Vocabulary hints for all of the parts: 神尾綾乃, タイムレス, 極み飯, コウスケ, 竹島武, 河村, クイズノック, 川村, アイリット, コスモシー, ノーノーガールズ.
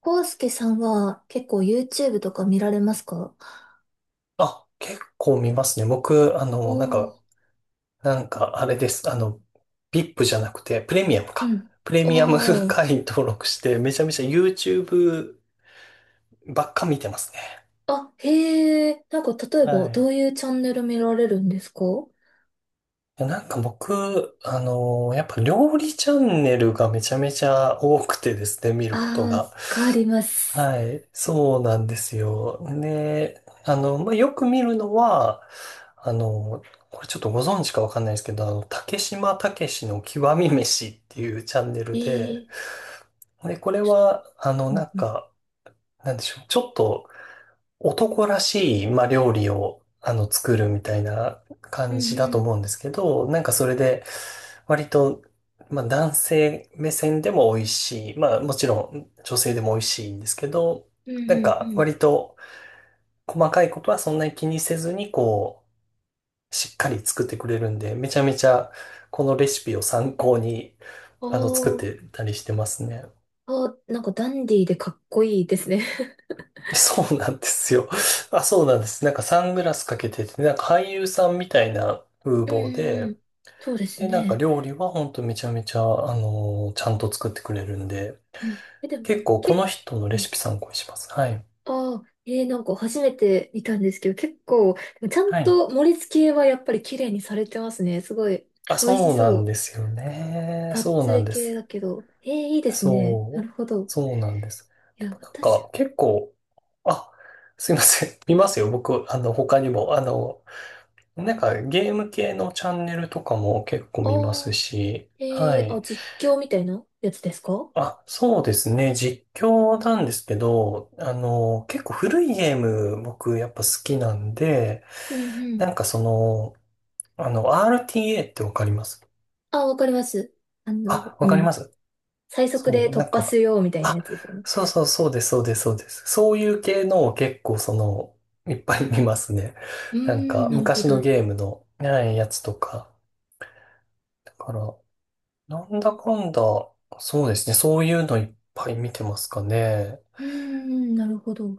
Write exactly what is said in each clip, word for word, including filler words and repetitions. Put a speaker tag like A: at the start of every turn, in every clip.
A: コウスケさんは結構 YouTube とか見られますか？
B: あ、結構見ますね。僕、あ
A: お
B: の、なん
A: ー、
B: か、なんか、あれです。あの、ブイアイピー じゃなくて、プレミアム
A: う
B: か。
A: ん。
B: プレミアム
A: おー。
B: 会員登録して、めちゃめちゃ YouTube ばっか見てますね。
A: あ、へえ。なんか例え
B: は
A: ばど
B: い。
A: ういうチャンネル見られるんですか？
B: いやなんか僕、あの、やっぱ料理チャンネルがめちゃめちゃ多くてですね、見るこ
A: あ
B: と
A: ー、わ
B: が。
A: かります。
B: はい、そうなんですよ。で、あの、まあ、よく見るのは、あの、これちょっとご存知かわかんないですけど、あの、竹島武しの極み飯っていうチャンネ
A: え
B: ルで、
A: ー。
B: で、これは、あの、
A: うん
B: なん
A: うん。
B: か、なんでしょう、ちょっと男らしい、まあ、料理を、あの、作るみたいな
A: う
B: 感じ
A: んう
B: だと
A: ん。
B: 思うんですけど、なんかそれで、割と、まあ、男性目線でも美味しい。まあ、もちろん女性でも美味しいんですけど、
A: うん
B: な
A: う
B: ん
A: んう
B: か
A: ん。
B: 割と細かいことはそんなに気にせずに、こう、しっかり作ってくれるんで、めちゃめちゃこのレシピを参考に、あの、作っ
A: お
B: て
A: ー。
B: たりしてますね。
A: あ、なんかダンディーでかっこいいですね。
B: そうなんですよ。あ、そうなんです。なんかサングラスかけてて、なんか俳優さんみたいな風
A: うん
B: 貌
A: うんう
B: で、
A: ん。そうです
B: で、なんか
A: ね。
B: 料理はほんとめちゃめちゃ、あのーちゃんと作ってくれるんで、
A: うん。え、でも、
B: 結構こ
A: け、
B: の人の
A: う
B: レ
A: ん、
B: シピ参考にします。はい。
A: ああ、えー、なんか初めて見たんですけど、結構、ちゃん
B: はい。
A: と盛り付けはやっぱり綺麗にされてますね。すごい、
B: あ、
A: 美味し
B: そうな
A: そ
B: ん
A: う。
B: ですよね。
A: がっ
B: そう
A: つ
B: なん
A: り
B: で
A: 系
B: す。
A: だけど。えー、いいですね。なる
B: そう。
A: ほど。
B: そうなんです。
A: い
B: で
A: や、
B: もなん
A: 私、
B: か結構、あ、すいません。見ますよ。僕、あの、他にも、あの、なんかゲーム系のチャンネルとかも結構
A: あ
B: 見ます
A: あ、
B: し、は
A: えー、あ、
B: い。
A: 実況みたいなやつですか？
B: あ、そうですね。実況なんですけど、あの、結構古いゲーム僕やっぱ好きなんで、
A: うんうん。
B: なんかその、あの、アールティーエー ってわかります？
A: あ、わかります。あの、
B: あ、わ
A: う
B: かり
A: ん。
B: ます？
A: 最速
B: そ
A: で
B: う、な
A: 突
B: ん
A: 破す
B: か、
A: るようみたいな
B: あ、
A: やつですよね。
B: そうそうそうです、そうです、そうです。そういう系のを結構その、いっぱい見ますね。
A: うー
B: なんか
A: ん、なるほ
B: 昔
A: ど。
B: の
A: う
B: ゲームの、はい、やつとか。だから、なんだかんだ、そうですね。そういうのいっぱい見てますかね。
A: ーん、なるほど。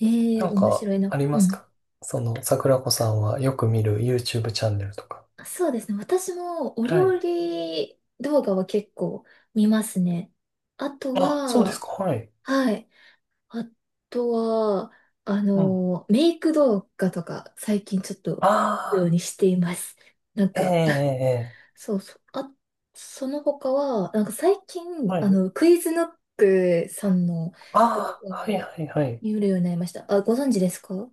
A: えー、
B: なん
A: 面
B: か、
A: 白いな。
B: ありま
A: う
B: す
A: ん。
B: か？その、桜子さんはよく見る YouTube チャンネルとか。
A: そうですね。私もお
B: は
A: 料
B: い。
A: 理動画は結構見ますね。あと
B: あ、そうですか。
A: は、
B: はい。
A: はい。あとは、あ
B: うん。あ
A: の、メイク動画とか最近ちょっと見るよ
B: あ、
A: うにしています。なん
B: えええ
A: か、
B: ええ え、
A: そうそう。あ、その他は、なんか最近、
B: は
A: あ
B: い。
A: の、クイズノックさんの
B: あ
A: 動画
B: あ、はい
A: を
B: はいはい。
A: 見るようになりました。あ、ご存知ですか？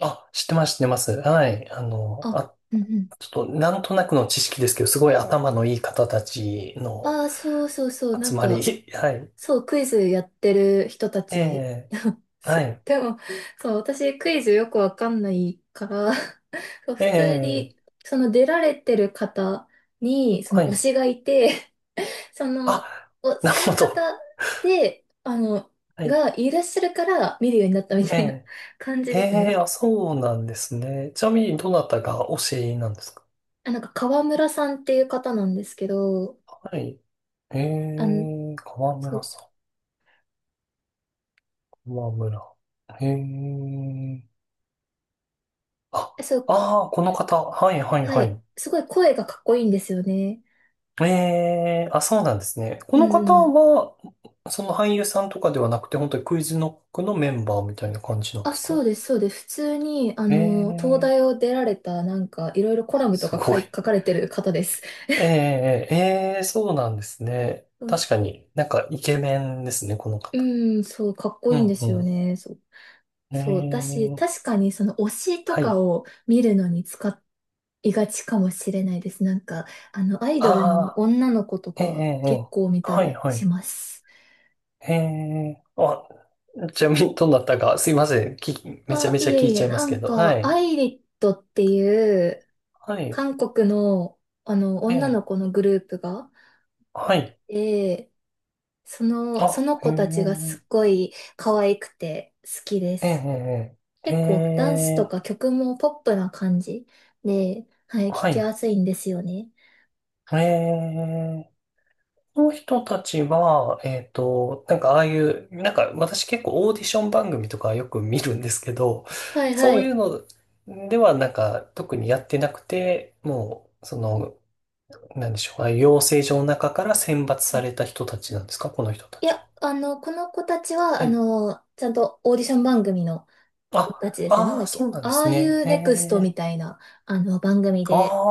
B: あ、知ってます、知ってます。はい。あの、
A: あ、
B: あ、
A: うんうん。
B: ちょっと、なんとなくの知識ですけど、すごい頭のいい方たちの
A: ああ、そうそうそう。な
B: 集
A: ん
B: まり。
A: か、
B: はい。
A: そう、クイズやってる人た
B: え
A: ち、
B: え、
A: そ
B: は
A: う。
B: い。
A: でも、そう、私クイズよくわかんないから、 そう、普通
B: ええ、
A: に、その出られてる方に、そ
B: は
A: の推
B: い。
A: しがいて、その、
B: あ、
A: お、
B: なる
A: そ
B: ほ
A: の方
B: ど。
A: で、あの、
B: はい。
A: がいらっしゃるから見るようになったみ
B: え
A: たいな
B: え。
A: 感じ
B: え
A: です
B: え、
A: ね。
B: あ、そうなんですね。ちなみに、どなたが推しなんですか？
A: あ、なんか川村さんっていう方なんですけど、
B: はい。え
A: あの、
B: え、河
A: そ
B: 村
A: う、
B: さん、河村。ええ。あ、
A: えそう、
B: ああ、この方。はい、はい、
A: は
B: は
A: い。
B: い。
A: すごい声がかっこいいんですよね。
B: ええ、あ、そうなんですね。こ
A: う
B: の方
A: んうん。
B: は、その俳優さんとかではなくて、本当にクイズノックのメンバーみたいな感じなんで
A: あ、
B: す
A: そ
B: か？
A: うです、そうです。普通に、あ
B: え
A: の、東
B: え、
A: 大を出られた、なんか、いろいろコラムと
B: す
A: か書
B: ご
A: い、
B: い。
A: 書かれてる方です。
B: ええ、ええ、ええ、そうなんですね。
A: そうそ
B: 確
A: う、
B: かになんかイケメンですね、この方。
A: うん、そう、かっこ
B: う
A: いいんで
B: んう
A: すよ
B: ん、
A: ね。そう、
B: え
A: そう。だし、
B: ー、
A: 確かにその推しと
B: は
A: か
B: い。
A: を見るのに使いがちかもしれないです。なんか、あの、アイ
B: あ
A: ドルの
B: あ、
A: 女の子と
B: えええ
A: か
B: ええ
A: 結
B: え、
A: 構見た
B: はい、
A: り
B: は
A: し
B: い。
A: ます。
B: ええ、あ、ちなみにどうなったか、すいません。き、めちゃ
A: あ、
B: めちゃ
A: いえ
B: 聞い
A: い
B: ち
A: え、
B: ゃいま
A: な
B: すけ
A: ん
B: ど。は
A: か、ア
B: い。
A: イリットっていう
B: はい。
A: 韓国の、あの、
B: え
A: 女
B: え、
A: の子のグループが、
B: はい。
A: その、その
B: あ、
A: 子たちがす
B: ええ
A: っごい可愛くて好きです。
B: えええ
A: 結構ダンスと
B: え
A: か
B: ええ、
A: 曲もポップな感じで、はい、聞
B: は
A: き
B: い。
A: やすいんですよね。
B: ええ、この人たちは、えっと、なんかああいう、なんか私結構オーディション番組とかよく見るんですけど、
A: はいは
B: そういう
A: い。
B: のではなんか特にやってなくて、もう、その、なんでしょう、ああいう養成所の中から選抜された人たちなんですか、この人た
A: い
B: ちは。
A: や、あの、この子たちは、
B: は
A: あ
B: い。
A: の、ちゃんとオーディション番組の
B: あ、
A: 子たちですね。なん
B: あ
A: だ
B: あ、
A: っ
B: そう
A: け。
B: なんで
A: ああ
B: す
A: い
B: ね。
A: う
B: へ
A: ネクスト
B: え。
A: みたいな、あの、番組
B: あ
A: で。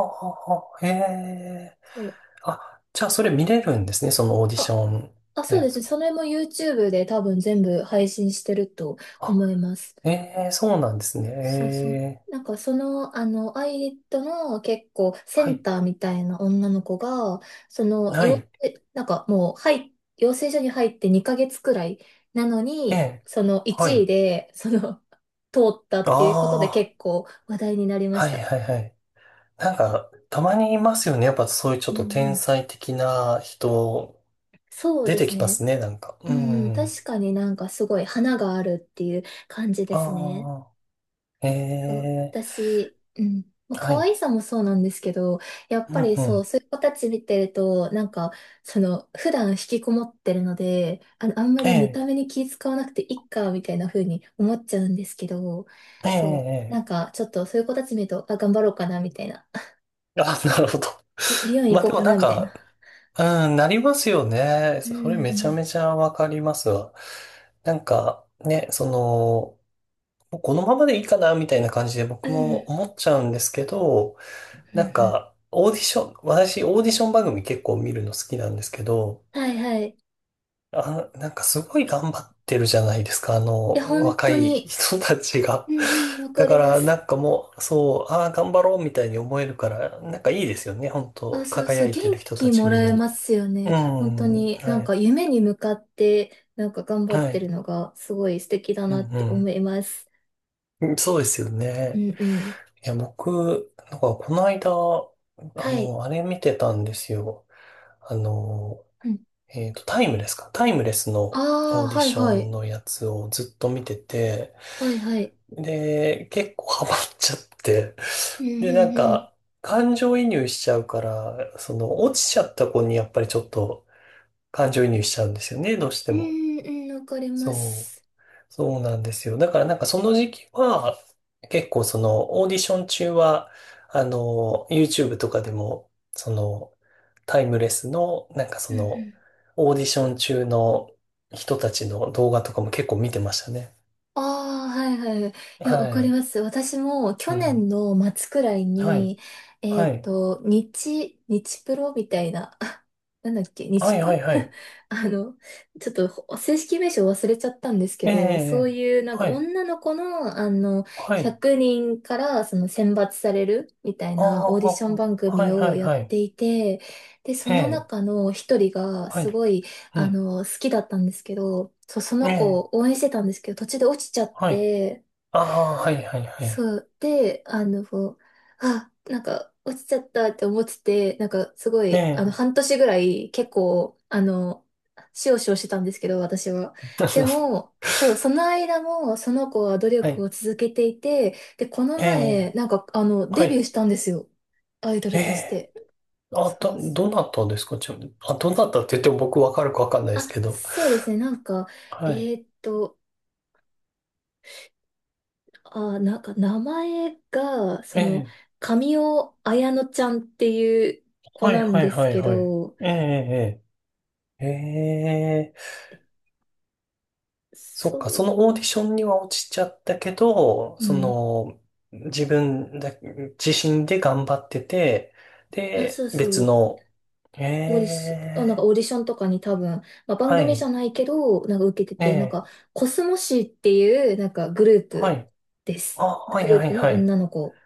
B: あ、へえ。
A: そう
B: あ、じゃあそれ見れるんですね、そのオーディシ
A: あ、
B: ョン
A: あ、
B: の
A: そう
B: や
A: ですね。
B: つは。
A: それも YouTube で多分全部配信してると
B: あ、
A: 思います。
B: ええ、そうなんですね。
A: そうそう。
B: え
A: なん
B: え。
A: かその、あの、アイリットの結構セ
B: は
A: ン
B: い。
A: ターみたいな女の子が、その、
B: な
A: 養
B: い。
A: えなんかもう、はい、養成所に入ってにかげつくらいなの
B: え
A: に、
B: え。
A: その
B: はい。
A: いちい
B: あ
A: で、その、通ったっていうことで
B: あ。
A: 結構話題になりま
B: は
A: し
B: い
A: た。
B: はいはい。なんか、たまにいますよね。やっぱそういうちょっ
A: う
B: と
A: んう
B: 天
A: ん。
B: 才的な人、
A: そう
B: 出
A: で
B: て
A: す
B: きま
A: ね。
B: すね、なんか。う
A: うん、
B: ん。あ
A: 確かになんかすごい花があるっていう感じですね。
B: あ。え
A: そう、
B: え。
A: 私、うん。まあ、
B: は
A: 可
B: い。
A: 愛さもそうなんですけど、やっ
B: う
A: ぱ
B: ん
A: り
B: う
A: そ
B: ん。
A: う、そういう子たち見てると、なんか、その、普段引きこもってるので、あの、あんま
B: え
A: り見た
B: え。
A: 目に気使わなくていいか、みたいな風に思っちゃうんですけど、
B: え
A: そう、な
B: え。え
A: んか、ちょっとそういう子たち見ると、あ、頑張ろうかな、みたいな。
B: え、あ、なるほど。
A: び美 容院行
B: まあ
A: こう
B: でも
A: かな、
B: なん
A: みたいな。
B: か、うん、なりますよね。
A: う
B: それ
A: ん
B: めち
A: う
B: ゃ
A: ん。
B: めちゃわかりますわ。なんか、ね、その、このままでいいかな、みたいな感じで
A: う
B: 僕も
A: ん。
B: 思っちゃうんですけど、
A: う
B: なん
A: ん
B: か、オーディション、私、オーディション番組結構見るの好きなんですけど、
A: うん。はいはい。い
B: あ、なんかすごい頑張ってるじゃないですか、あ
A: や、
B: の、
A: 本
B: 若
A: 当
B: い
A: に、
B: 人たち
A: う
B: が。
A: んうん、わ
B: だ
A: か
B: か
A: りま
B: ら、な
A: す。
B: んかもう、そう、ああ、頑張ろうみたいに思えるから、なんかいいですよね、本
A: あ、
B: 当
A: そうそ
B: 輝
A: う、
B: い
A: 元
B: てる人た
A: 気も
B: ち見
A: ら
B: る
A: えま
B: の。
A: すよ
B: う
A: ね。本当
B: ん、
A: に
B: は
A: なんか
B: い、
A: 夢に向かってなんか頑張っ
B: は
A: てる
B: い、
A: のがすごい素敵だ
B: う
A: なって
B: ん、
A: 思います。
B: うん。そうですよ
A: う
B: ね。
A: んうん。
B: いや、僕、なんかこの間、あ
A: はい。
B: の、あれ見てたんですよ。あの、
A: うん。
B: えっと、タイムレスか。タイムレス
A: あ
B: のオ
A: あ、
B: ーディ
A: はい
B: ショ
A: は
B: ン
A: い。
B: のやつをずっと見てて、
A: はいはい。
B: で、結構ハマっちゃって、
A: うんう
B: で、なん
A: んうん。
B: か、感情移入しちゃうから、その、落ちちゃった子にやっぱりちょっと感情移入しちゃうんですよね、どうして
A: う
B: も。
A: んうん、わかりま
B: そう。
A: す。
B: そうなんですよ。だからなんかその時期は、結構そのオーディション中は、あの、YouTube とかでも、その、タイムレスの、なんか
A: う
B: そ
A: んう
B: の、
A: ん、
B: オーディション中の人たちの動画とかも結構見てましたね。
A: ああ、はいはいはい。いや、わ
B: は
A: かり
B: い。
A: ます。私も去
B: うん。
A: 年の末くらい
B: はい。
A: に、え
B: は
A: っ
B: い。
A: と、日、日プロみたいな、あ、なんだっけ、
B: は
A: 日
B: い、は
A: プ
B: い、は い。
A: あの、ちょっとほ正式名称忘れちゃったんですけ
B: ええ、
A: ど、そう
B: ええ、
A: いうなんか
B: はい。
A: 女の子の、あの、
B: はい。
A: ひゃくにんからその選抜されるみたい
B: あ
A: なオー
B: あ、
A: ディション番
B: は
A: 組
B: い、は
A: を
B: い、
A: やっ
B: はい。
A: ていて、で、そ
B: え
A: の
B: え、
A: 中の一人が
B: は
A: す
B: い。
A: ごい、
B: う
A: あ
B: ん。
A: の、好きだったんですけど、そう、そ
B: え
A: の子
B: え、
A: を応援してたんですけど、途中で落ちちゃっ
B: はい。
A: て、
B: ああ、はい、はい、はい。
A: そう、で、あの、あ、なんか、落ちちゃったって思ってて、なんか、すご
B: え
A: い、あの、
B: え。
A: 半年ぐらい、結構、あの、しおしおしてたんですけど、私は。で も、そう、その間も、その子は努
B: は
A: 力
B: い。
A: を続けていて、で、この
B: え
A: 前、
B: え、
A: なんか、あの、
B: は
A: デビュー
B: い。
A: したんですよ。アイド
B: え
A: ルとし
B: え、
A: て。そ
B: あ、
A: うっ
B: ど、
A: す。
B: どなたですか、ちなみに。あ、どなたって言っても僕わかるかわかんないです
A: あ、
B: けど。
A: そうですね、なんか、え
B: はい。
A: ーっと、あ、なんか名前が、そ
B: え
A: の、
B: え、
A: 神尾綾乃ちゃんっていう子
B: はい
A: なん
B: はい
A: です
B: はい
A: け
B: はい。
A: ど、
B: ええ、ええ、ええ、そっか、そ
A: そ
B: のオーディションには落ちちゃったけど、
A: う、う
B: そ
A: ん。
B: の、自分だ、自身で頑張ってて、
A: あ、そ
B: で、
A: うそ
B: 別
A: う。
B: の、え
A: オーディション、あなんか
B: え、
A: オーディションとかに多分、まあ、番
B: は
A: 組じゃ
B: い、
A: ないけど、なんか受けて
B: え
A: て、なんか、
B: え、
A: コスモシーっていう、なんかグルー
B: は
A: プ
B: い。
A: で
B: あ、
A: す。
B: は
A: グ
B: い
A: ル
B: は
A: ー
B: い
A: プの
B: はい。
A: 女の子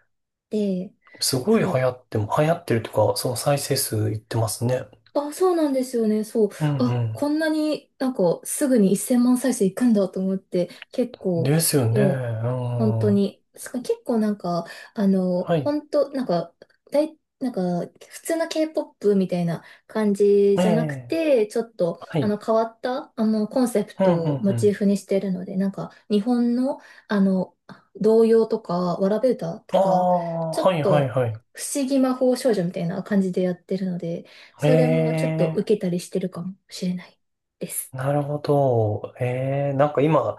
A: で、
B: すごい流
A: そう
B: 行っても、流行ってるとか、その再生数いってますね。
A: あ、そうなんですよね。そう。
B: うん
A: あ、
B: う
A: こんなになんかすぐにせんまん再生いくんだと思って、結
B: ん。
A: 構
B: ですよね。う
A: もう
B: ん。
A: 本当
B: は
A: に、すか結構なんか、あの、
B: い。
A: 本当なんか、だい、なんか普通の K-ポップ みたいな感じ
B: え
A: じゃなく
B: え。
A: て、ちょっと
B: は
A: あ
B: い。
A: の変わったあのコンセプ
B: うんう
A: トを
B: ん
A: モ
B: う
A: チー
B: ん。
A: フにしてるので、なんか日本のあの童謡とか、わらべ歌と
B: あ
A: か、
B: あ、
A: ちょ
B: は
A: っ
B: いはい
A: と
B: はい。
A: 不思議魔法少女みたいな感じでやってるので、
B: え
A: それもちょっと受
B: え。
A: けたりしてるかもしれないです。
B: なるほど。ええ。なんか今、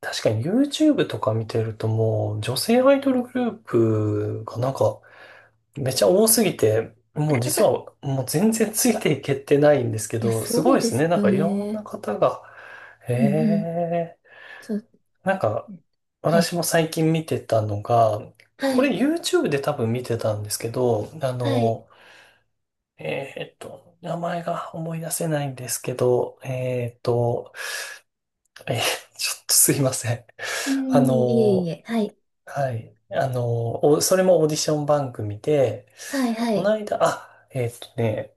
B: 確かに YouTube とか見てるともう、女性アイドルグループがなんか、めちゃ多すぎて、もう実はもう全然ついていけてないんですけ
A: いや、
B: ど、す
A: そ
B: ご
A: う
B: いで
A: で
B: す
A: す
B: ね。なん
A: よ
B: かいろんな
A: ね。
B: 方が、
A: うんうん。
B: ええ。
A: そう。
B: なんか、
A: はい。
B: 私も最近見てたのが、
A: は
B: これ
A: い。
B: YouTube で多分見てたんですけど、あ
A: はい。
B: の、えーっと、名前が思い出せないんですけど、えーっと、えーちょっとすいません。
A: う
B: あ
A: ん、いえい
B: の、
A: え。はい。
B: はい。あの、おそれもオーディション番組で、
A: はい、は
B: この
A: い。
B: 間、あ、えーっとね、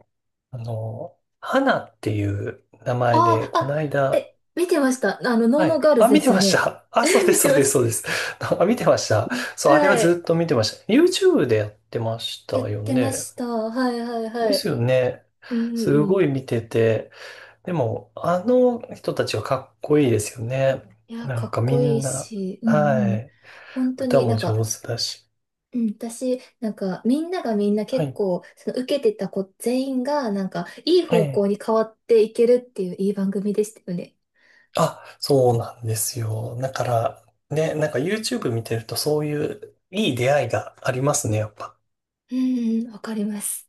B: あの、花っていう名前で、
A: ああ、
B: この
A: あ、
B: 間、
A: え、見てました。あの、ノー
B: は
A: ノー
B: い。
A: ガール
B: あ、
A: ズで
B: 見て
A: すよ
B: まし
A: ね。
B: た。あ、そう で
A: 見
B: す、そ
A: て
B: う
A: ま
B: です、
A: し
B: そう
A: た。
B: です。あ、見てました。そう、あれは
A: は
B: ず
A: い。
B: っと見てました。YouTube でやってまし
A: やっ
B: たよ
A: てま
B: ね。
A: した。はい、はい、は
B: です
A: い。
B: よね。
A: うん、うん、
B: す
A: う
B: ごい
A: ん。
B: 見てて。でも、あの人たちはかっこいいですよね。
A: いや、
B: な
A: か
B: ん
A: っ
B: かみ
A: こい
B: ん
A: い
B: な、
A: し、うん、う
B: は
A: ん。
B: い。
A: 本当
B: 歌
A: にな
B: も
A: ん
B: 上
A: か、
B: 手だし。
A: うん、私、なんか、みんながみんな
B: は
A: 結
B: い。
A: 構、その受けてた子全員が、なんか、いい
B: え
A: 方向
B: え。
A: に変わっていけるっていういい番組でしたよね。
B: あ、そうなんですよ。だから、ね、なんか YouTube 見てるとそういういい出会いがありますね、やっぱ。
A: うん、うん、わかります。